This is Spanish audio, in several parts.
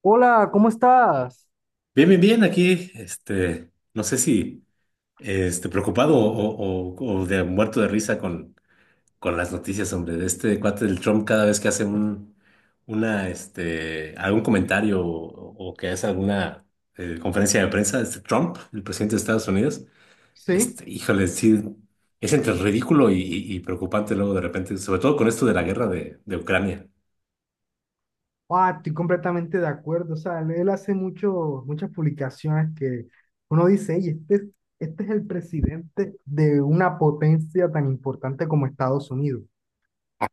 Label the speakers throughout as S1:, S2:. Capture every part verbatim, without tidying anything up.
S1: Hola, ¿cómo estás?
S2: Bien, bien, bien, aquí, este, no sé si, este, preocupado o, o- o de muerto de risa con, con las noticias, hombre, de este cuate del Trump cada vez que hace un, una, este, algún comentario o, o que hace alguna eh, conferencia de prensa, este Trump, el presidente de Estados Unidos,
S1: Sí,
S2: este, híjole, sí, es entre ridículo y, y- y preocupante luego de repente, sobre todo con esto de la guerra de, de Ucrania.
S1: ah, estoy completamente de acuerdo. O sea, él hace mucho, muchas publicaciones que uno dice, "Ey, este, es- este es el presidente de una potencia tan importante como Estados Unidos."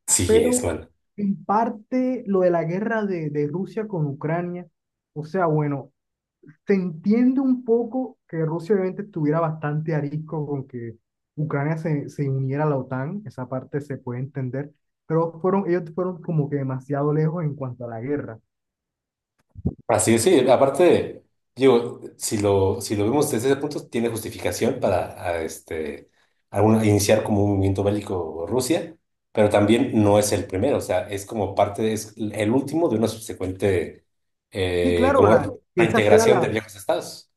S2: Sí, es.
S1: Pero en parte lo de la guerra de, de Rusia con Ucrania, o sea, bueno, se entiende un poco que Rusia obviamente estuviera bastante arisco con que Ucrania se, se uniera a la OTAN, esa parte se puede entender, pero fueron, ellos fueron como que demasiado lejos en cuanto a la guerra.
S2: Así es, sí, aparte, digo, si lo, si lo vemos desde ese punto, tiene justificación para a, este, algún iniciar como un movimiento bélico Rusia, pero también no es el primero, o sea, es como parte, es el último de una subsecuente
S1: Sí,
S2: eh,
S1: claro, la,
S2: como
S1: que esa sea
S2: reintegración
S1: la,
S2: de viejos estados.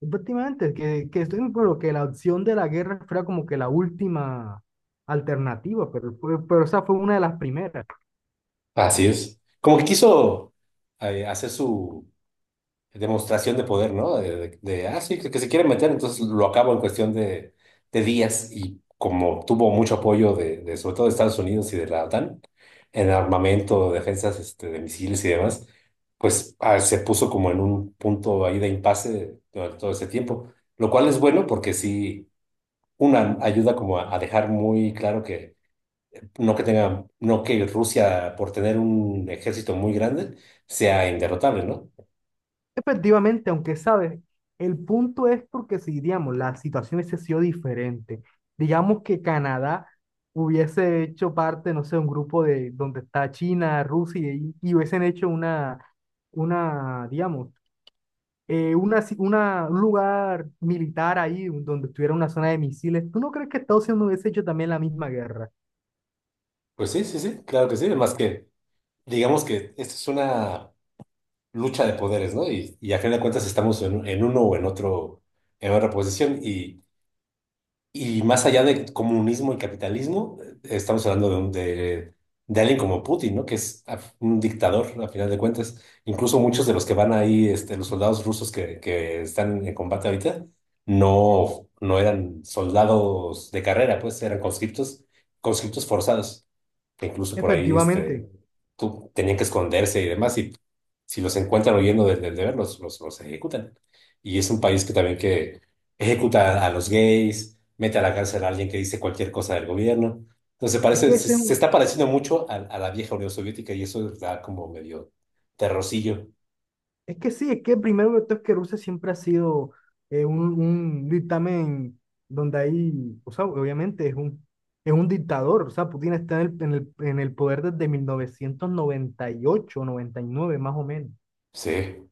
S1: efectivamente, que, que estoy de acuerdo, que la opción de la guerra fuera como que la última alternativa, pero, fue- pero esa fue una de las primeras.
S2: Así es. Como que quiso eh, hacer su demostración de poder, ¿no? De, de- de, ah, sí, que, que se quiere meter, entonces lo acabo en cuestión de, de días y como tuvo mucho apoyo de, de, sobre todo de Estados Unidos y de la OTAN en armamento, defensas, este, de misiles y demás, pues ah, se puso como en un punto ahí de impasse durante todo ese tiempo, lo cual es bueno porque sí, una ayuda como a, a dejar muy claro que no que tenga, no que Rusia por tener un ejército muy grande sea inderrotable, ¿no?
S1: Efectivamente, aunque sabes, el punto es porque si, digamos, la situación hubiese sido diferente, digamos que Canadá hubiese hecho parte, no sé, un grupo de donde está China, Rusia y, y hubiesen hecho una, una, digamos, eh, una, ci- una, un lugar militar ahí donde estuviera una zona de misiles. ¿Tú no crees que Estados Unidos hubiese hecho también la misma guerra?
S2: Pues sí, sí, sí, claro que sí. Más que, digamos que esta es una lucha de poderes, ¿no? Y, y a fin de cuentas estamos en, en uno o en otro, en otra posición. Y, y más allá de comunismo y capitalismo, eh, estamos hablando de, un- de, de alguien como Putin, ¿no? Que es a- un dictador, a final de cuentas. Incluso muchos de los que van ahí, este, los soldados rusos que, que están en combate ahorita, no, no eran soldados de carrera, pues eran conscriptos, conscriptos forzados que incluso por ahí, este,
S1: Efectivamente,
S2: tú, tenían que esconderse y demás, y si los encuentran huyendo del del deber, los, los, los ejecutan. Y es un país que también que ejecuta a, a los gays, mete a la cárcel a alguien que dice cualquier cosa del gobierno. Entonces
S1: es
S2: parece,
S1: que
S2: se,
S1: ese es
S2: se
S1: un
S2: está pareciendo mucho a, a la vieja Unión Soviética y eso da como medio terrorcillo.
S1: es que sí, es que primero que todo es que Rusia siempre ha sido eh, un, un dictamen donde hay, o sea, obviamente es un, es un dictador, o sea, Putin está en el, en el, en el poder desde mil novecientos noventa noventa y ocho noventa y nueve más o menos,
S2: Sí,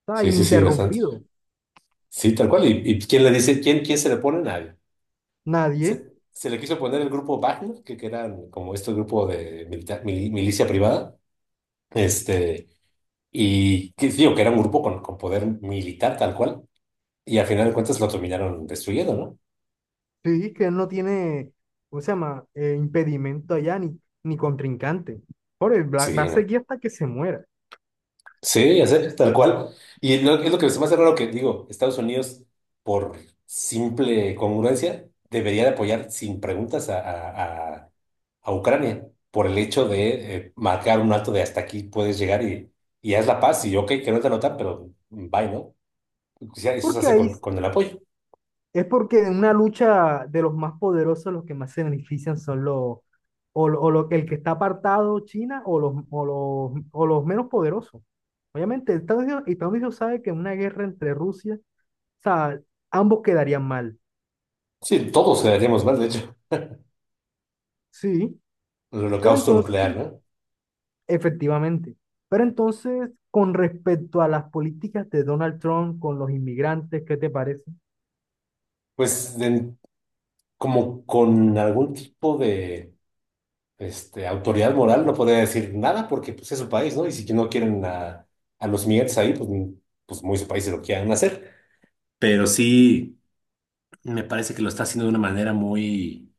S1: está
S2: sí, sí, sí, bastante.
S1: ininterrumpido,
S2: Sí, tal cual. ¿Y, y quién le dice, quién, quién se le pone? Nadie.
S1: nadie.
S2: Se, se le quiso poner el grupo Wagner, que, que eran como este grupo de milita- mili- milicia privada. Este, y que, digo, que era un grupo con, con poder militar tal cual, y al final de cuentas lo terminaron destruyendo, ¿no?
S1: Sí, que él no tiene, ¿cómo se llama? Eh, impedimento allá ni, ni contrincante, por él va, va
S2: Sí,
S1: a
S2: ¿no?
S1: seguir hasta que se muera,
S2: Sí, ya sé, tal cual. Y lo- es lo que se me hace raro que, digo, Estados Unidos, por simple congruencia, debería de apoyar sin preguntas a, a- a- a Ucrania por el hecho de eh, marcar un alto de hasta aquí puedes llegar y, y haz la paz y ok, que no te anotan, pero bye, ¿no? O sea, eso se
S1: porque
S2: hace
S1: ahí
S2: con, con el apoyo.
S1: es porque en una lucha de los más poderosos, los que más se benefician son los, o, lo- o lo- el que está apartado, China, o los, o los, o los menos poderosos. Obviamente, Estados Unidos, Estados Unidos sabe que en una guerra entre Rusia, o sea, ambos quedarían mal.
S2: Sí, todos quedaríamos mal, de hecho,
S1: Sí,
S2: el
S1: pero
S2: holocausto nuclear,
S1: entonces,
S2: ¿no?
S1: efectivamente, pero entonces, con respecto a las políticas de Donald Trump con los inmigrantes, ¿qué te parece?
S2: Pues de- como con algún tipo de este, autoridad moral no podría decir nada porque pues, es su país, ¿no? Y si no quieren a, a los migrantes ahí, pues, mm, pues muy su país se lo quieran hacer. Pero sí, me parece que lo está haciendo de una manera muy,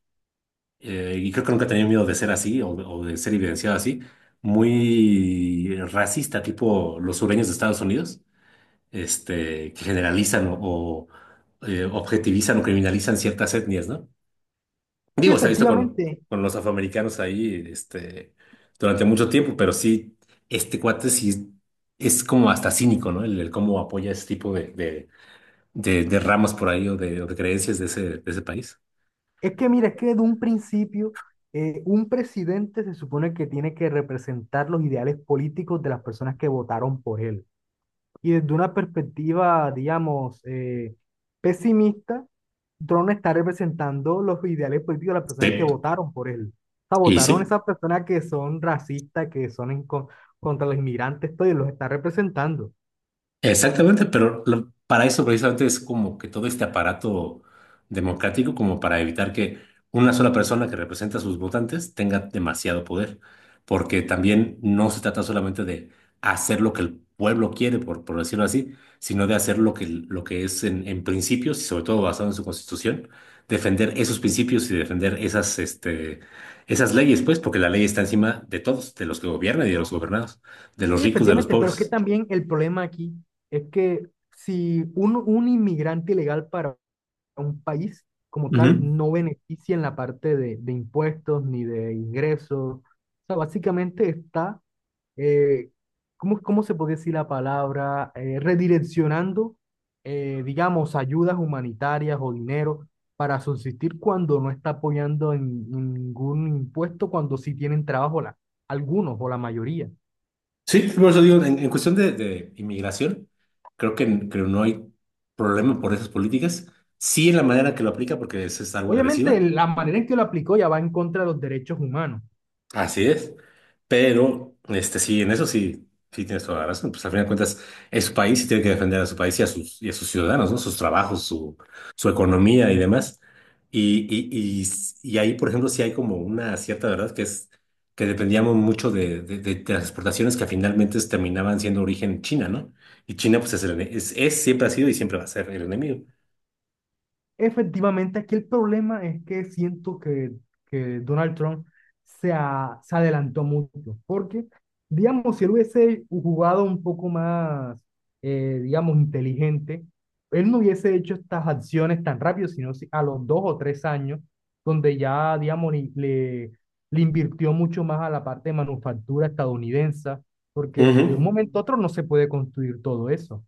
S2: eh, y creo que nunca he tenido miedo de ser así o, o de ser evidenciado así, muy racista, tipo los sureños de Estados Unidos, este, que generalizan o, o, eh, objetivizan o criminalizan ciertas etnias, ¿no?
S1: Sí,
S2: Digo, se ha visto con,
S1: efectivamente,
S2: con los afroamericanos ahí, este, durante mucho tiempo, pero sí, este cuate sí es como hasta cínico, ¿no? El, el cómo apoya ese tipo de, de, de, de ramas por ahí o de, o de creencias de ese, de ese país.
S1: es que mira, es que de un principio eh, un presidente se supone que tiene que representar los ideales políticos de las personas que votaron por él. Y desde una perspectiva, digamos, eh, pesimista, Trump no está representando los ideales políticos de las personas que
S2: Sí,
S1: votaron por él. O sea,
S2: y sí.
S1: votaron esas personas que son racistas, que son en con- contra los inmigrantes, todo, y los está representando.
S2: Exactamente, pero lo- para eso precisamente es como que todo este aparato democrático como para evitar que una sola persona que representa a sus votantes tenga demasiado poder, porque también no se trata solamente de hacer lo que el pueblo quiere, por, por decirlo así, sino de hacer lo que, lo que es en, en principios y sobre todo basado en su constitución, defender esos principios y defender esas, este, esas leyes, pues, porque la ley está encima de todos, de los que gobiernan y de los gobernados, de los
S1: Sí,
S2: ricos, de los
S1: efectivamente, pero es que
S2: pobres.
S1: también el problema aquí es que si un, un inmigrante ilegal para a un país como tal
S2: Ujú.
S1: no beneficia en la parte de, de impuestos ni de ingresos. O sea, básicamente está, eh, ¿cómo, cómo se puede decir la palabra? Eh, redireccionando, eh, digamos, ayudas humanitarias o dinero para subsistir cuando no está apoyando en, en ningún impuesto, cuando sí tienen trabajo la, algunos o la mayoría.
S2: Sí, por eso digo, en, en cuestión de, de inmigración, creo que, creo no hay problema por esas políticas. Sí, en la manera que lo aplica, porque es, es algo
S1: Obviamente,
S2: agresiva.
S1: la manera en que lo aplicó ya va en contra de los derechos humanos.
S2: Así es. Pero, este, sí, en eso sí, sí tienes toda la razón. Pues al final de cuentas, es su país y tiene que defender a su país y a sus, y a sus ciudadanos, ¿no? Sus trabajos, su, su economía y demás. Y, y, y, y ahí, por ejemplo, sí hay como una cierta verdad que es que dependíamos mucho de, de, de- de las exportaciones que finalmente terminaban siendo origen China, ¿no? Y China, pues, es, el ene- es, es- siempre ha sido y siempre va a ser el enemigo.
S1: Efectivamente, aquí el problema es que siento que, que Donald Trump se, a- se adelantó mucho, porque, digamos, si él hubiese jugado un poco más, eh, digamos, inteligente, él no hubiese hecho estas acciones tan rápido, sino si- a los dos o tres años, donde ya, digamos, le, le, le invirtió mucho más a la parte de manufactura estadounidense, porque
S2: Ujú.
S1: de un momento a otro no se puede construir todo eso.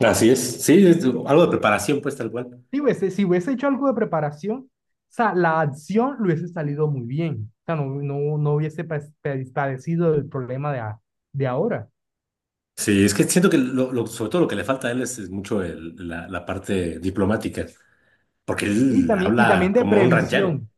S2: Así es. Sí, es algo de preparación, pues, tal cual.
S1: Si hubiese, si hubiese hecho algo de preparación, o sea, la acción le hubiese salido muy bien. O sea, no, no, no hubiese pa- pa- padecido el problema de, a- de ahora.
S2: Sí, es que siento que lo, lo- sobre todo lo que le falta a él es, es mucho el- la, la parte diplomática, porque
S1: Y
S2: él
S1: también, y
S2: habla
S1: también de
S2: como un ranchero.
S1: previsión,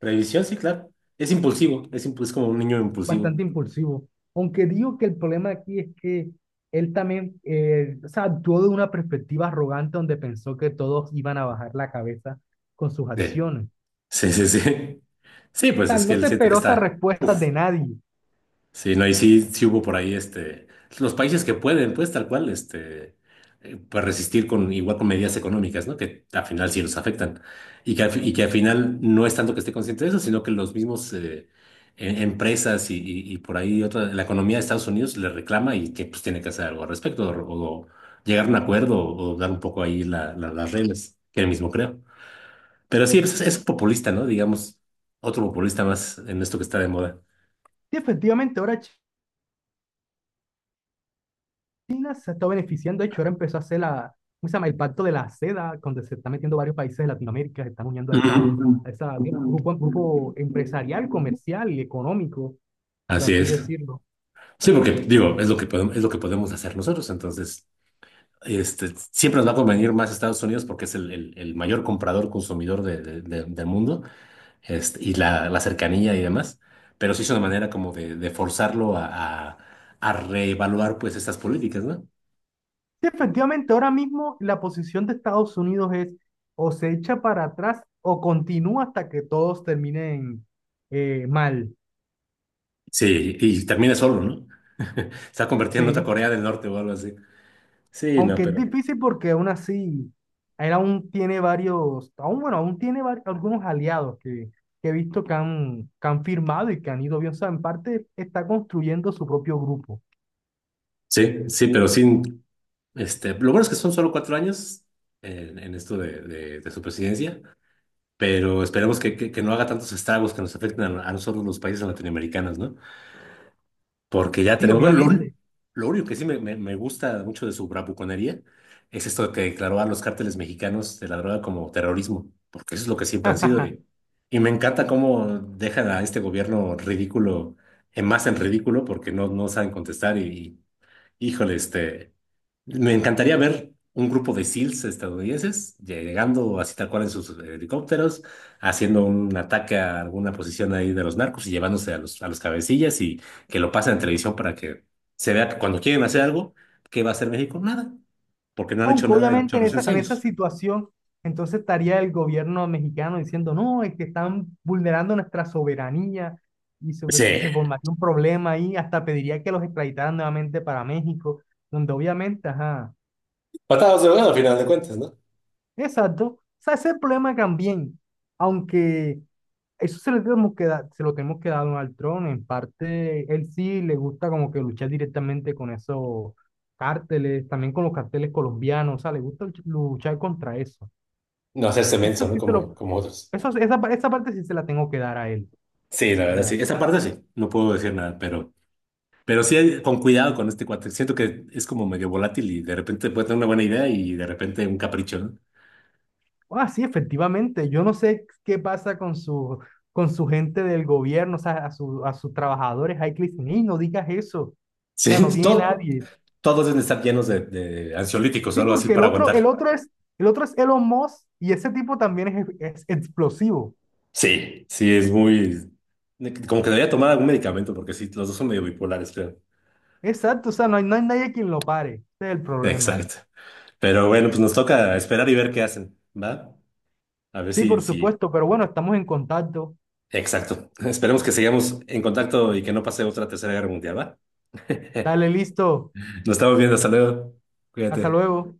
S2: Revisión, sí, claro. Es impulsivo, es, impu- es como un niño impulsivo.
S1: bastante impulsivo. Aunque digo que el problema aquí es que él también, eh, o sea, actuó de una perspectiva arrogante donde pensó que todos iban a bajar la cabeza con sus acciones. O
S2: Sí, sí, sí. Sí, sí, pues
S1: sea,
S2: es
S1: él
S2: que
S1: no se
S2: él siente que
S1: esperó esas
S2: está.
S1: respuestas
S2: Uf.
S1: de nadie.
S2: Sí, no, y sí, sí hubo por ahí, este, los países que pueden, pues tal cual, este, eh, pues resistir con igual con medidas económicas, ¿no? Que al final sí los afectan. Y que al, fi- y que al final no es tanto que esté consciente de eso, sino que los mismos, eh, e- empresas y, y- y por ahí otra, la economía de Estados Unidos le reclama y que pues tiene que hacer algo al respecto, o, o llegar a un acuerdo, o dar un poco ahí la- la- las reglas, que él mismo creo. Pero sí, es, es populista, ¿no? Digamos, otro populista más en esto que está de moda.
S1: Y efectivamente, ahora China se está beneficiando. De hecho, ahora empezó a hacer la, ¿cómo se llama? El pacto de la seda, donde se están metiendo varios países de Latinoamérica, se están uniendo a esa,
S2: Ujú.
S1: a esa grupo, grupo empresarial, comercial y económico, por
S2: Así
S1: así
S2: es.
S1: decirlo.
S2: Sí, porque digo, es lo que podemos, es lo que podemos hacer nosotros. Entonces, este, siempre nos va a convenir más Estados Unidos porque es el, el- el mayor comprador, consumidor de- de- de- del mundo, este, y la, la cercanía y demás. Pero sí es una manera como de, de forzarlo a, a, a reevaluar pues estas políticas, ¿no?
S1: Sí, efectivamente, ahora mismo la posición de Estados Unidos es o se echa para atrás o continúa hasta que todos terminen eh, mal.
S2: Sí, y termina solo, ¿no? Se ha convertido en otra
S1: Sí.
S2: Corea del Norte o algo así. Sí, no,
S1: Aunque es
S2: pero
S1: difícil porque aún así, él aún tiene varios, aún bueno, aún tiene vari- algunos aliados que, que he visto que han, que han firmado y que han ido bien. O sea, en parte está construyendo su propio grupo.
S2: sí, sí, pero sí. Este, lo bueno es que son solo cuatro años en, en esto de, de- de su presidencia, pero esperemos que, que- que no haga tantos estragos que nos afecten a, a nosotros los países latinoamericanos, ¿no? Porque ya
S1: Sí,
S2: tenemos, bueno, lo,
S1: obviamente.
S2: un- lo único que sí me, me- me gusta mucho de su bravuconería es esto que declaró a los cárteles mexicanos de la droga como terrorismo, porque eso es lo que siempre han sido. Y, y me encanta cómo dejan a este gobierno ridículo, en más en ridículo, porque no, no saben contestar y, híjole, este, me encantaría ver un grupo de SEALs estadounidenses llegando así tal cual en sus helicópteros, haciendo un ataque a alguna posición ahí de los narcos y llevándose a los, a los cabecillas y que lo pasen en televisión para que se vea que cuando quieren hacer algo, ¿qué va a hacer México? Nada, porque no han hecho
S1: Aunque
S2: nada en
S1: obviamente en esa,
S2: ochocientos
S1: en esa
S2: años.
S1: situación, entonces estaría el gobierno mexicano diciendo, no, es que están vulnerando nuestra soberanía y se,
S2: Sí,
S1: se se formaría un problema ahí, hasta pediría que los extraditaran nuevamente para México, donde obviamente, ajá.
S2: patadas de bueno al final de cuentas, ¿no?
S1: Exacto. O sea, ese es el problema también. Aunque eso se lo tenemos que dar, se lo tenemos que dar a Donald Trump. En parte, él sí le gusta como que luchar directamente con esos cárteles, también con los carteles colombianos. O sea, le gusta luch- luchar contra eso.
S2: No hacerse
S1: Eso
S2: menso, ¿no?
S1: sí se
S2: Como,
S1: lo,
S2: como otros.
S1: eso, esa, pa- esa parte sí se la tengo que dar a él.
S2: Sí, la verdad,
S1: Ya.
S2: sí. Esa parte sí, no puedo decir nada, pero Pero sí, hay- con cuidado con este cuate. Siento que es como medio volátil y de repente puede tener una buena idea y de repente un capricho, ¿no?
S1: Ah, sí, efectivamente. Yo no sé qué pasa con su, con su gente del gobierno, o sea, a, su, a sus trabajadores. Ay, Cristina, no digas eso. O
S2: Sí,
S1: sea, no tiene
S2: todo,
S1: nadie.
S2: todos deben estar llenos de, de ansiolíticos o
S1: Sí,
S2: algo así
S1: porque el
S2: para
S1: otro, el
S2: aguantar.
S1: otro es, el otro es Elon Musk, y ese tipo también es, es explosivo.
S2: Sí, sí, es muy... Como que debería tomar algún medicamento porque sí, los dos son medio bipolares, creo.
S1: Exacto, o sea, no hay, no hay nadie quien lo pare. Ese es el problema.
S2: Exacto. Pero bueno, pues nos toca esperar y ver qué hacen, ¿va? A ver
S1: Sí,
S2: si,
S1: por
S2: si...
S1: supuesto, pero bueno, estamos en contacto.
S2: Exacto. Esperemos que sigamos en contacto y que no pase otra tercera guerra mundial, ¿va?
S1: Dale, listo.
S2: Nos estamos viendo, hasta luego.
S1: Hasta
S2: Cuídate.
S1: luego.